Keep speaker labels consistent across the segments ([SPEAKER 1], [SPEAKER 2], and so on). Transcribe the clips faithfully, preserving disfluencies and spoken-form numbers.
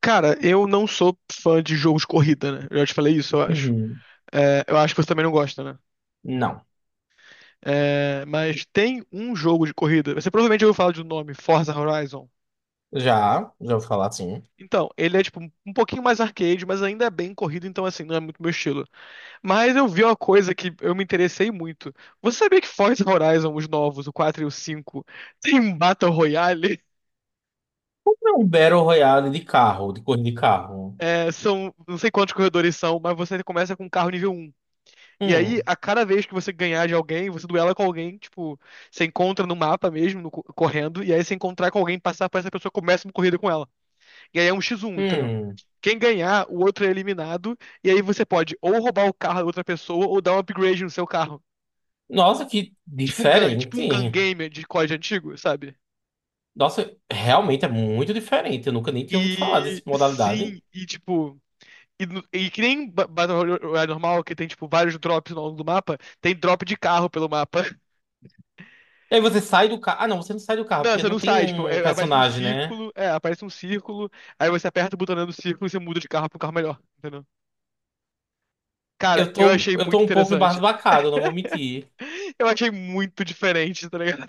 [SPEAKER 1] Cara, eu não sou fã de jogos de corrida, né? Eu já te falei isso, eu acho.
[SPEAKER 2] Uhum.
[SPEAKER 1] É, eu acho que você também não gosta, né?
[SPEAKER 2] Não.
[SPEAKER 1] É, mas tem um jogo de corrida. Você provavelmente ouviu falar do nome, Forza Horizon.
[SPEAKER 2] Já, já vou falar assim.
[SPEAKER 1] Então, ele é tipo um um pouquinho mais arcade, mas ainda é bem corrido, então assim, não é muito meu estilo. Mas eu vi uma coisa que eu me interessei muito. Você sabia que Forza Horizon, os novos, o quatro e o cinco, tem um Battle Royale?
[SPEAKER 2] É um Battle Royale de carro, de corrida de carro.
[SPEAKER 1] É, são, não sei quantos corredores são, mas você começa com um carro nível um. E aí,
[SPEAKER 2] Hum,
[SPEAKER 1] a cada vez que você ganhar de alguém, você duela com alguém, tipo, você encontra no mapa mesmo, no co- correndo, e aí se encontrar com alguém, passar por essa pessoa, começa uma corrida com ela. E aí é um X um, entendeu?
[SPEAKER 2] hum.
[SPEAKER 1] Quem ganhar, o outro é eliminado, e aí você pode ou roubar o carro da outra pessoa, ou dar um upgrade no seu carro.
[SPEAKER 2] Nossa, que
[SPEAKER 1] Tipo um gun, tipo
[SPEAKER 2] diferente.
[SPEAKER 1] um gun game de código antigo, sabe?
[SPEAKER 2] Nossa, realmente é muito diferente. Eu nunca nem tinha ouvido falar
[SPEAKER 1] E
[SPEAKER 2] dessa modalidade.
[SPEAKER 1] sim, e tipo. E, no- e que nem ba- Battle Royale normal, que tem, tipo, vários drops ao longo do mapa, tem drop de carro pelo mapa.
[SPEAKER 2] E aí você sai do carro. Ah, não, você não sai do carro,
[SPEAKER 1] Não,
[SPEAKER 2] porque
[SPEAKER 1] você
[SPEAKER 2] não
[SPEAKER 1] não
[SPEAKER 2] tem
[SPEAKER 1] sai, tipo,
[SPEAKER 2] um
[SPEAKER 1] é- aparece um
[SPEAKER 2] personagem, né?
[SPEAKER 1] círculo, é, aparece um círculo, aí você aperta o botão do círculo e você muda de carro pro carro melhor, entendeu? Cara,
[SPEAKER 2] Eu
[SPEAKER 1] eu
[SPEAKER 2] tô,
[SPEAKER 1] achei
[SPEAKER 2] eu tô
[SPEAKER 1] muito
[SPEAKER 2] um pouco
[SPEAKER 1] interessante.
[SPEAKER 2] embasbacado, não vou mentir.
[SPEAKER 1] Eu achei muito diferente, tá ligado?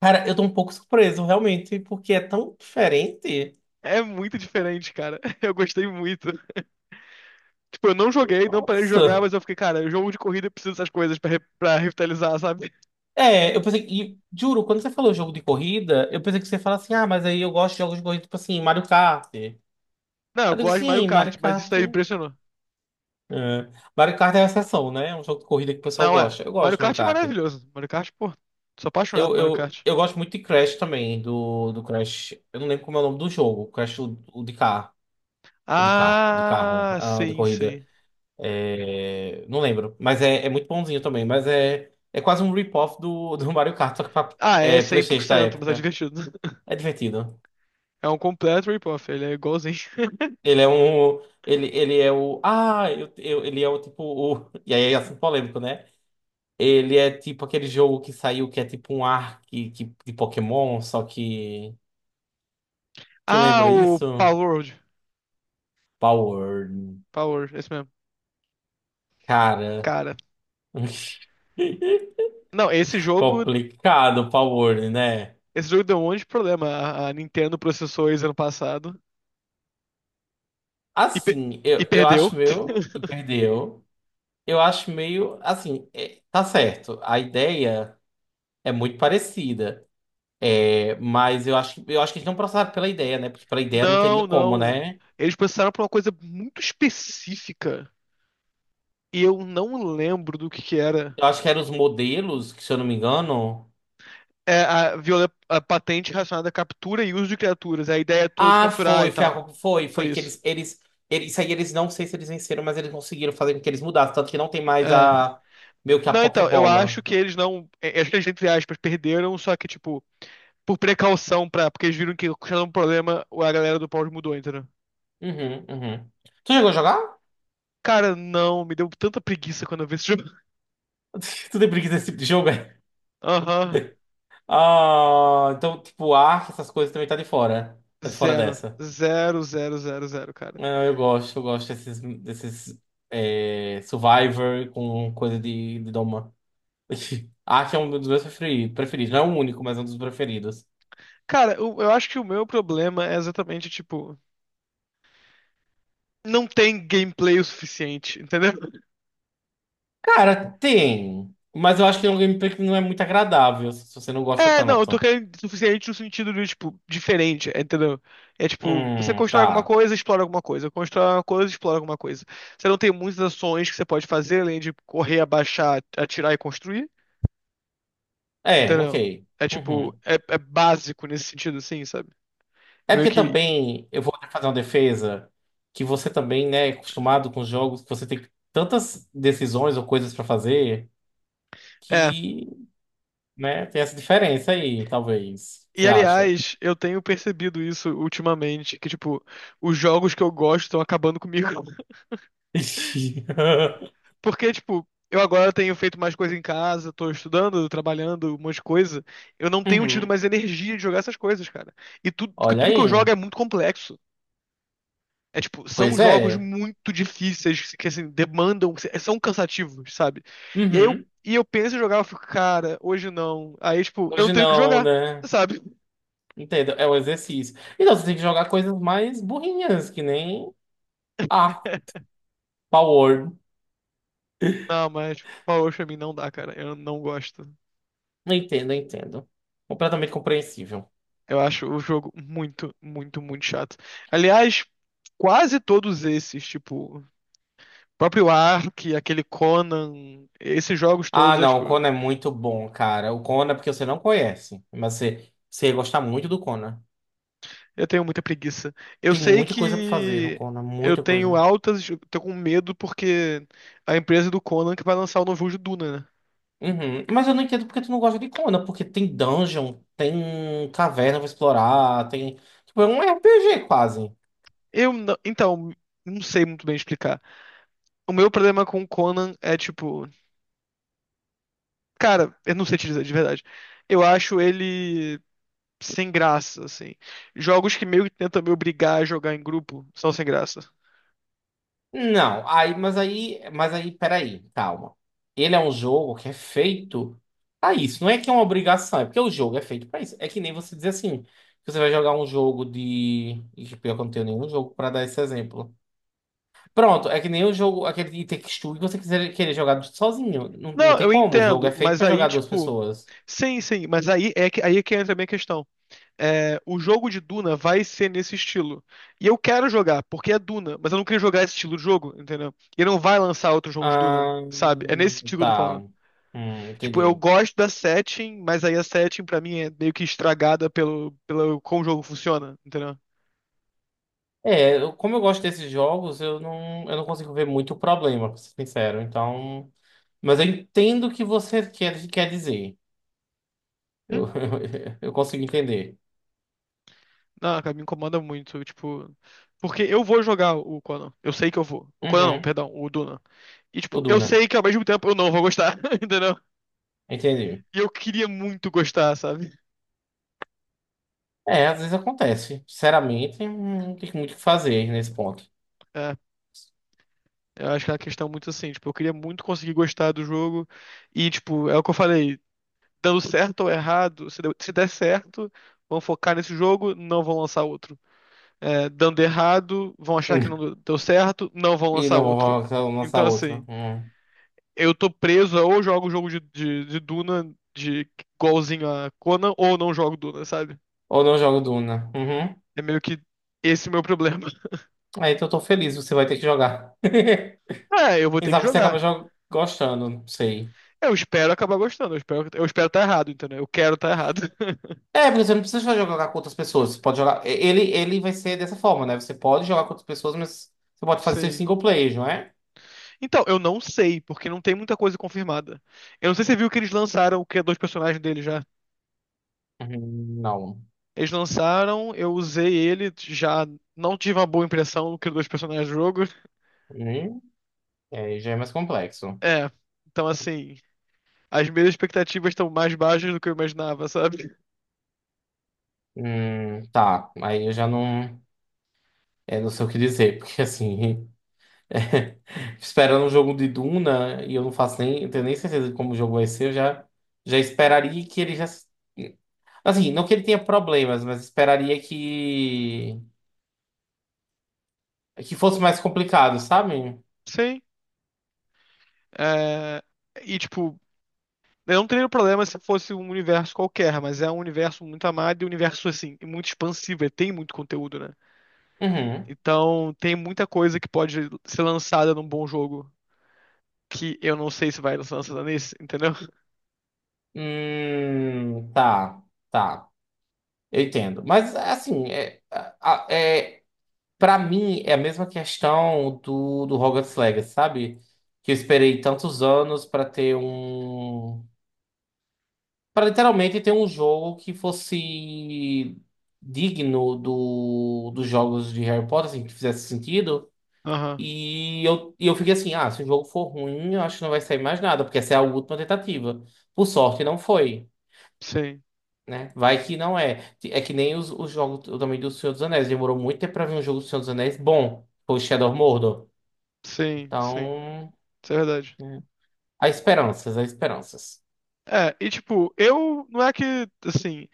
[SPEAKER 2] Cara, eu tô um pouco surpreso, realmente, porque é tão diferente.
[SPEAKER 1] É muito diferente, cara. Eu gostei muito. Tipo, eu não joguei, não parei de jogar,
[SPEAKER 2] Nossa.
[SPEAKER 1] mas eu fiquei, cara, jogo de corrida eu preciso dessas coisas pra, re- pra revitalizar, sabe?
[SPEAKER 2] É, eu pensei, que. E juro, quando você falou jogo de corrida, eu pensei que você ia falar assim, ah, mas aí eu gosto de jogos de corrida, tipo assim, Mario Kart. Aí
[SPEAKER 1] Não, eu
[SPEAKER 2] eu digo,
[SPEAKER 1] gosto de Mario
[SPEAKER 2] sim,
[SPEAKER 1] Kart,
[SPEAKER 2] Mario
[SPEAKER 1] mas isso
[SPEAKER 2] Kart.
[SPEAKER 1] daí me impressionou.
[SPEAKER 2] É. Mario Kart é a exceção, né? É um jogo de corrida que o pessoal
[SPEAKER 1] Não, é.
[SPEAKER 2] gosta. Eu gosto
[SPEAKER 1] Mario
[SPEAKER 2] de Mario
[SPEAKER 1] Kart é
[SPEAKER 2] Kart.
[SPEAKER 1] maravilhoso. Mario Kart, pô, sou apaixonado por
[SPEAKER 2] Eu,
[SPEAKER 1] Mario
[SPEAKER 2] eu,
[SPEAKER 1] Kart.
[SPEAKER 2] eu gosto muito de Crash também, do, do Crash. Eu não lembro como é o nome do jogo. Crash, o, o de carro. O de carro, o de carro,
[SPEAKER 1] Ah,
[SPEAKER 2] ah, de
[SPEAKER 1] sim,
[SPEAKER 2] corrida.
[SPEAKER 1] sim.
[SPEAKER 2] É, não lembro. Mas é, é muito bonzinho também. Mas é, é quase um rip-off do, do Mario Kart, só que pra,
[SPEAKER 1] Ah, é
[SPEAKER 2] é,
[SPEAKER 1] cem por
[SPEAKER 2] PlayStation da
[SPEAKER 1] cento, mas é
[SPEAKER 2] época.
[SPEAKER 1] divertido.
[SPEAKER 2] É divertido.
[SPEAKER 1] É um completo rip-off, ele é igualzinho.
[SPEAKER 2] Ele é um. Ele, ele é o. Ah, eu, eu- ele é o tipo. O, e aí é assim polêmico, né? Ele é tipo aquele jogo que saiu que é tipo um arc que, de Pokémon, só que. Tu
[SPEAKER 1] Ah,
[SPEAKER 2] lembra
[SPEAKER 1] o
[SPEAKER 2] isso?
[SPEAKER 1] Palworld.
[SPEAKER 2] Power.
[SPEAKER 1] Palworld, esse mesmo.
[SPEAKER 2] Cara.
[SPEAKER 1] Cara, não, esse jogo,
[SPEAKER 2] Complicado o Power, né?
[SPEAKER 1] esse jogo deu um monte de problema. A a Nintendo processou eles ano passado e, pe-
[SPEAKER 2] Assim, eu,
[SPEAKER 1] e
[SPEAKER 2] eu
[SPEAKER 1] perdeu.
[SPEAKER 2] acho meio. E perdeu. Eu acho meio. Assim, é- tá certo. A ideia é muito parecida. Mas eu acho, que- eu acho que eles não processaram pela ideia, né? Porque pela ideia não teria
[SPEAKER 1] Não,
[SPEAKER 2] como,
[SPEAKER 1] não.
[SPEAKER 2] né?
[SPEAKER 1] Eles processaram por uma coisa muito específica e eu não lembro do que que era.
[SPEAKER 2] Eu acho que eram os modelos, que se eu não me engano.
[SPEAKER 1] É a, viola, a patente relacionada à captura e uso de criaturas, a ideia toda de
[SPEAKER 2] Ah,
[SPEAKER 1] capturar e
[SPEAKER 2] foi, foi,
[SPEAKER 1] tal.
[SPEAKER 2] a- foi,
[SPEAKER 1] Foi
[SPEAKER 2] foi que
[SPEAKER 1] isso.
[SPEAKER 2] eles, eles, eles, isso aí eles não sei se eles venceram, mas eles conseguiram fazer com que eles mudassem, tanto que não tem mais
[SPEAKER 1] É.
[SPEAKER 2] a, meio que a
[SPEAKER 1] Não, então, eu acho
[SPEAKER 2] Pokébola.
[SPEAKER 1] que eles não. É, acho que eles, entre aspas, perderam, só que, tipo, por precaução, pra, porque eles viram que tinha um problema, a galera do Power mudou, entendeu?
[SPEAKER 2] Uhum, uhum. Tu chegou a jogar?
[SPEAKER 1] Cara, não, me deu tanta preguiça quando eu vi esse jogo.
[SPEAKER 2] Tu tem preguiça desse tipo de jogo, é?
[SPEAKER 1] Aham.
[SPEAKER 2] Ah, então, tipo, Ark, essas coisas também tá de fora. Tá de fora
[SPEAKER 1] Zero.
[SPEAKER 2] dessa.
[SPEAKER 1] Zero, zero, zero, zero, cara.
[SPEAKER 2] Não, eu gosto, eu gosto desses, desses é, Survivor com coisa de, de Doma. Acho que é um dos meus preferi- preferidos. Não é o único, mas é um dos preferidos.
[SPEAKER 1] Cara, eu, eu acho que o meu problema é exatamente, tipo, não tem gameplay o suficiente, entendeu?
[SPEAKER 2] Cara, tem. Mas eu acho que é um gameplay que não é muito agradável se você não gosta
[SPEAKER 1] É, não, eu tô
[SPEAKER 2] tanto.
[SPEAKER 1] querendo suficiente no sentido de, tipo, diferente, entendeu? É tipo, você
[SPEAKER 2] Hum,
[SPEAKER 1] constrói
[SPEAKER 2] tá.
[SPEAKER 1] alguma coisa, explora alguma coisa, constrói alguma coisa, explora alguma coisa. Você não tem muitas ações que você pode fazer além de correr, abaixar, atirar e construir,
[SPEAKER 2] É,
[SPEAKER 1] entendeu?
[SPEAKER 2] ok.
[SPEAKER 1] É tipo,
[SPEAKER 2] Uhum.
[SPEAKER 1] é, é básico nesse sentido, assim, sabe? É
[SPEAKER 2] É
[SPEAKER 1] meio
[SPEAKER 2] porque
[SPEAKER 1] que.
[SPEAKER 2] também eu vou fazer uma defesa que você também, né, é acostumado com jogos que você tem tantas decisões ou coisas pra fazer
[SPEAKER 1] É.
[SPEAKER 2] que. Né? Tem essa diferença aí, talvez.
[SPEAKER 1] E
[SPEAKER 2] Você acha?
[SPEAKER 1] aliás, eu tenho percebido isso ultimamente, que, tipo, os jogos que eu gosto estão acabando comigo. Porque, tipo, eu agora tenho feito mais coisa em casa, tô estudando, trabalhando, um monte de coisa. Eu não tenho tido
[SPEAKER 2] Uhum.
[SPEAKER 1] mais energia de jogar essas coisas, cara. E tudo, porque
[SPEAKER 2] Olha
[SPEAKER 1] tudo que eu
[SPEAKER 2] aí.
[SPEAKER 1] jogo é muito complexo. É tipo, são
[SPEAKER 2] Pois
[SPEAKER 1] jogos
[SPEAKER 2] é.
[SPEAKER 1] muito difíceis, que assim, demandam, são cansativos, sabe? E aí eu,
[SPEAKER 2] Uhum.
[SPEAKER 1] e eu penso em jogar, eu fico, cara, hoje não. Aí, tipo, eu não
[SPEAKER 2] Hoje
[SPEAKER 1] tenho que
[SPEAKER 2] não,
[SPEAKER 1] jogar,
[SPEAKER 2] né?
[SPEAKER 1] sabe?
[SPEAKER 2] Entendo. É um exercício. Então você tem que jogar coisas mais burrinhas, que nem ah, Power.
[SPEAKER 1] Não, mas Power Wash pra mim não dá, cara. Eu não gosto.
[SPEAKER 2] Entendo, entendo. Completamente compreensível.
[SPEAKER 1] Eu acho o jogo muito, muito, muito chato. Aliás, quase todos esses, tipo, próprio Ark, aquele Conan, esses jogos
[SPEAKER 2] Ah,
[SPEAKER 1] todos, é
[SPEAKER 2] não, o
[SPEAKER 1] tipo,
[SPEAKER 2] Kona é muito bom, cara. O Kona é porque você não conhece, mas você, você ia gostar muito do Kona.
[SPEAKER 1] eu tenho muita preguiça. Eu
[SPEAKER 2] Tem
[SPEAKER 1] sei
[SPEAKER 2] muita coisa pra fazer no
[SPEAKER 1] que
[SPEAKER 2] Kona,
[SPEAKER 1] eu
[SPEAKER 2] muita
[SPEAKER 1] tenho
[SPEAKER 2] coisa.
[SPEAKER 1] altas, eu tô com medo porque a empresa do Conan que vai lançar o novo jogo de Duna, né?
[SPEAKER 2] Uhum. Mas eu não entendo porque tu não gosta de Conan, porque tem dungeon, tem caverna pra explorar, tem. Tipo, é um R P G quase.
[SPEAKER 1] Eu não, então, não sei muito bem explicar. O meu problema com o Conan é tipo, cara, eu não sei te dizer de verdade. Eu acho ele sem graça, assim. Jogos que meio que tentam me obrigar a jogar em grupo são sem graça.
[SPEAKER 2] Não, aí, mas aí, mas aí, peraí, calma. Ele é um jogo que é feito pra isso. Não é que é uma obrigação, é porque o jogo é feito pra isso. É que nem você dizer assim, que você vai jogar um jogo de. Ixi, pior que eu não tenho nenhum jogo pra dar esse exemplo. Pronto, é que nem o jogo, aquele de Takes Two, que você quiser querer jogar sozinho. Não, não
[SPEAKER 1] Não,
[SPEAKER 2] tem
[SPEAKER 1] eu
[SPEAKER 2] como, o jogo
[SPEAKER 1] entendo,
[SPEAKER 2] é feito
[SPEAKER 1] mas
[SPEAKER 2] pra
[SPEAKER 1] aí,
[SPEAKER 2] jogar duas
[SPEAKER 1] tipo.
[SPEAKER 2] pessoas.
[SPEAKER 1] Sim, sim, mas aí é que, aí é que entra a minha questão. É, o jogo de Duna vai ser nesse estilo. E eu quero jogar, porque é Duna, mas eu não queria jogar esse estilo de jogo, entendeu? E não vai lançar outro jogo de Duna,
[SPEAKER 2] Ah,
[SPEAKER 1] sabe? É nesse sentido que eu tô
[SPEAKER 2] tá.
[SPEAKER 1] falando.
[SPEAKER 2] Hum,
[SPEAKER 1] Tipo, eu
[SPEAKER 2] entendi.
[SPEAKER 1] gosto da setting, mas aí a setting pra mim é meio que estragada pelo, pelo como o jogo funciona, entendeu?
[SPEAKER 2] É, eu- como eu gosto desses jogos, eu não, eu não consigo ver muito problema, pra ser sincero. Então, mas eu entendo o que você quer, quer dizer. Eu,
[SPEAKER 1] Hum?
[SPEAKER 2] eu consigo entender.
[SPEAKER 1] Não, cara, me incomoda muito, tipo. Porque eu vou jogar o Conan. Eu sei que eu vou. O Conan não,
[SPEAKER 2] Uhum,
[SPEAKER 1] perdão, o Duna. E,
[SPEAKER 2] o
[SPEAKER 1] tipo, eu
[SPEAKER 2] Duna.
[SPEAKER 1] sei que ao mesmo tempo eu não vou gostar, entendeu?
[SPEAKER 2] Entendi.
[SPEAKER 1] E eu queria muito gostar, sabe?
[SPEAKER 2] É, às vezes acontece. Sinceramente, não tem muito o que fazer nesse ponto.
[SPEAKER 1] É, eu acho que é uma questão muito assim, tipo, eu queria muito conseguir gostar do jogo. E, tipo, é o que eu falei, dando certo ou errado, se deu- se der certo, vão focar nesse jogo, não vão lançar outro. É, dando errado, vão achar que não deu certo, não vão
[SPEAKER 2] E
[SPEAKER 1] lançar
[SPEAKER 2] não vou
[SPEAKER 1] outro.
[SPEAKER 2] lançar
[SPEAKER 1] Então,
[SPEAKER 2] outro.
[SPEAKER 1] assim,
[SPEAKER 2] Hum.
[SPEAKER 1] eu tô preso, ou jogo o jogo de, de, de Duna, de igualzinho a Conan, ou não jogo Duna, sabe?
[SPEAKER 2] Ou não jogo Duna. Uhum.
[SPEAKER 1] É meio que esse o meu problema.
[SPEAKER 2] Aí então eu tô feliz, você vai ter que jogar.
[SPEAKER 1] É, eu vou
[SPEAKER 2] Quem
[SPEAKER 1] ter que
[SPEAKER 2] sabe você
[SPEAKER 1] jogar.
[SPEAKER 2] acaba jo- gostando, não sei.
[SPEAKER 1] Eu espero acabar gostando. Eu espero, eu espero estar errado, entendeu? Eu quero estar errado.
[SPEAKER 2] É, porque você não precisa só jogar com outras pessoas. Você pode jogar. Ele, ele vai ser dessa forma, né? Você pode jogar com outras pessoas, mas você pode fazer seus
[SPEAKER 1] Sim.
[SPEAKER 2] single players, não é?
[SPEAKER 1] Então, eu não sei, porque não tem muita coisa confirmada. Eu não sei se você viu que eles lançaram o que é dois personagens dele já.
[SPEAKER 2] Hum, Não.
[SPEAKER 1] Eles lançaram, eu usei ele, já não tive uma boa impressão do que dois personagens do jogo.
[SPEAKER 2] Hum, é, já é mais complexo.
[SPEAKER 1] É. Então, assim, as minhas expectativas estão mais baixas do que eu imaginava, sabe?
[SPEAKER 2] Hum, tá. Aí eu já não. É, não sei o que dizer, porque assim. Esperando um jogo de Duna, e eu não faço nem. Eu tenho nem certeza de como o jogo vai ser, eu já, já esperaria que ele já. Assim, não que ele tenha problemas, mas esperaria que. Que fosse mais complicado, sabe?
[SPEAKER 1] Sim. É, e, tipo, eu não teria problema se fosse um universo qualquer, mas é um universo muito amado e um universo, assim, muito expansivo, e tem muito conteúdo, né?
[SPEAKER 2] Uhum.
[SPEAKER 1] Então, tem muita coisa que pode ser lançada num bom jogo, que eu não sei se vai ser lançada nesse, entendeu?
[SPEAKER 2] Hum, tá, tá. Eu entendo. Mas, assim, é, a- é, pra mim é a mesma questão do, do Hogwarts Legacy, sabe? Que eu esperei tantos anos pra ter um. Pra literalmente ter um jogo que fosse digno do, dos jogos de Harry Potter, assim, que fizesse sentido.
[SPEAKER 1] Aham,
[SPEAKER 2] E eu, e eu fiquei assim, ah, se o jogo for ruim, eu acho que não vai sair mais nada, porque essa é a última tentativa. Por sorte, não foi,
[SPEAKER 1] sim,
[SPEAKER 2] né? Vai que não é. É que nem os, os jogos também do Senhor dos Anéis. Demorou muito tempo pra ver um jogo do Senhor dos Anéis bom. Foi o Shadow of Mordor.
[SPEAKER 1] sim, sim,
[SPEAKER 2] Então,
[SPEAKER 1] isso é verdade.
[SPEAKER 2] né, há esperanças, há esperanças.
[SPEAKER 1] É, e tipo, eu, não é que, assim,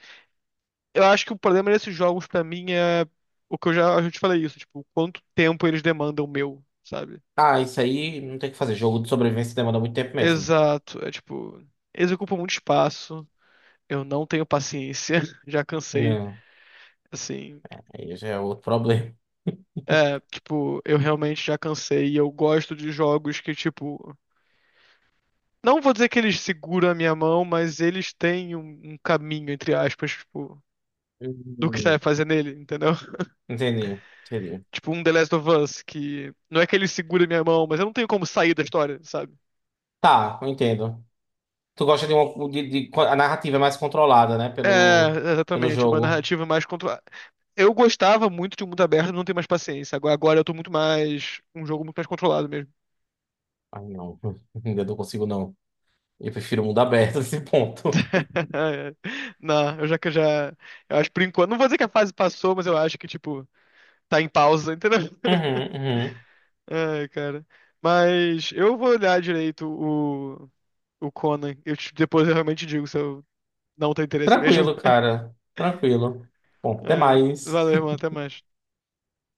[SPEAKER 1] eu acho que o problema desses jogos pra mim é o que eu já, eu já te falei isso, tipo, quanto tempo eles demandam meu, sabe?
[SPEAKER 2] Ah, isso aí não tem o que fazer. Jogo de sobrevivência demora muito tempo mesmo.
[SPEAKER 1] Exato, é tipo, eles ocupam muito espaço. Eu não tenho paciência, já cansei,
[SPEAKER 2] Não,
[SPEAKER 1] assim.
[SPEAKER 2] aí já é outro problema.
[SPEAKER 1] É, tipo, eu realmente já cansei e eu gosto de jogos que, tipo. Não vou dizer que eles seguram a minha mão, mas eles têm um, um caminho, entre aspas, tipo, do que você
[SPEAKER 2] Hum,
[SPEAKER 1] vai fazer nele, entendeu?
[SPEAKER 2] Entendi, entendi.
[SPEAKER 1] Tipo, um The Last of Us, que não é que ele segura a minha mão, mas eu não tenho como sair da história, sabe?
[SPEAKER 2] Tá, eu entendo. Tu gosta de uma. De, de- a narrativa é mais controlada, né?
[SPEAKER 1] É,
[SPEAKER 2] Pelo, pelo
[SPEAKER 1] exatamente, uma
[SPEAKER 2] jogo.
[SPEAKER 1] narrativa mais controlada. Eu gostava muito de um mundo aberto, não tenho mais paciência. Agora, agora eu tô muito mais. Um jogo muito mais controlado mesmo.
[SPEAKER 2] Ai, não. Ainda não consigo, não. Eu prefiro o mundo aberto nesse ponto.
[SPEAKER 1] Não, eu já que eu já. Eu acho por enquanto. Não vou dizer que a fase passou, mas eu acho que, tipo, tá em pausa, entendeu?
[SPEAKER 2] Uhum, uhum.
[SPEAKER 1] Ai, cara. Mas eu vou olhar direito o, o Conan. Eu, te- depois eu realmente digo se eu não tenho interesse mesmo.
[SPEAKER 2] Tranquilo, cara. Tranquilo. Bom, até
[SPEAKER 1] É,
[SPEAKER 2] mais.
[SPEAKER 1] valeu, irmão. Até mais.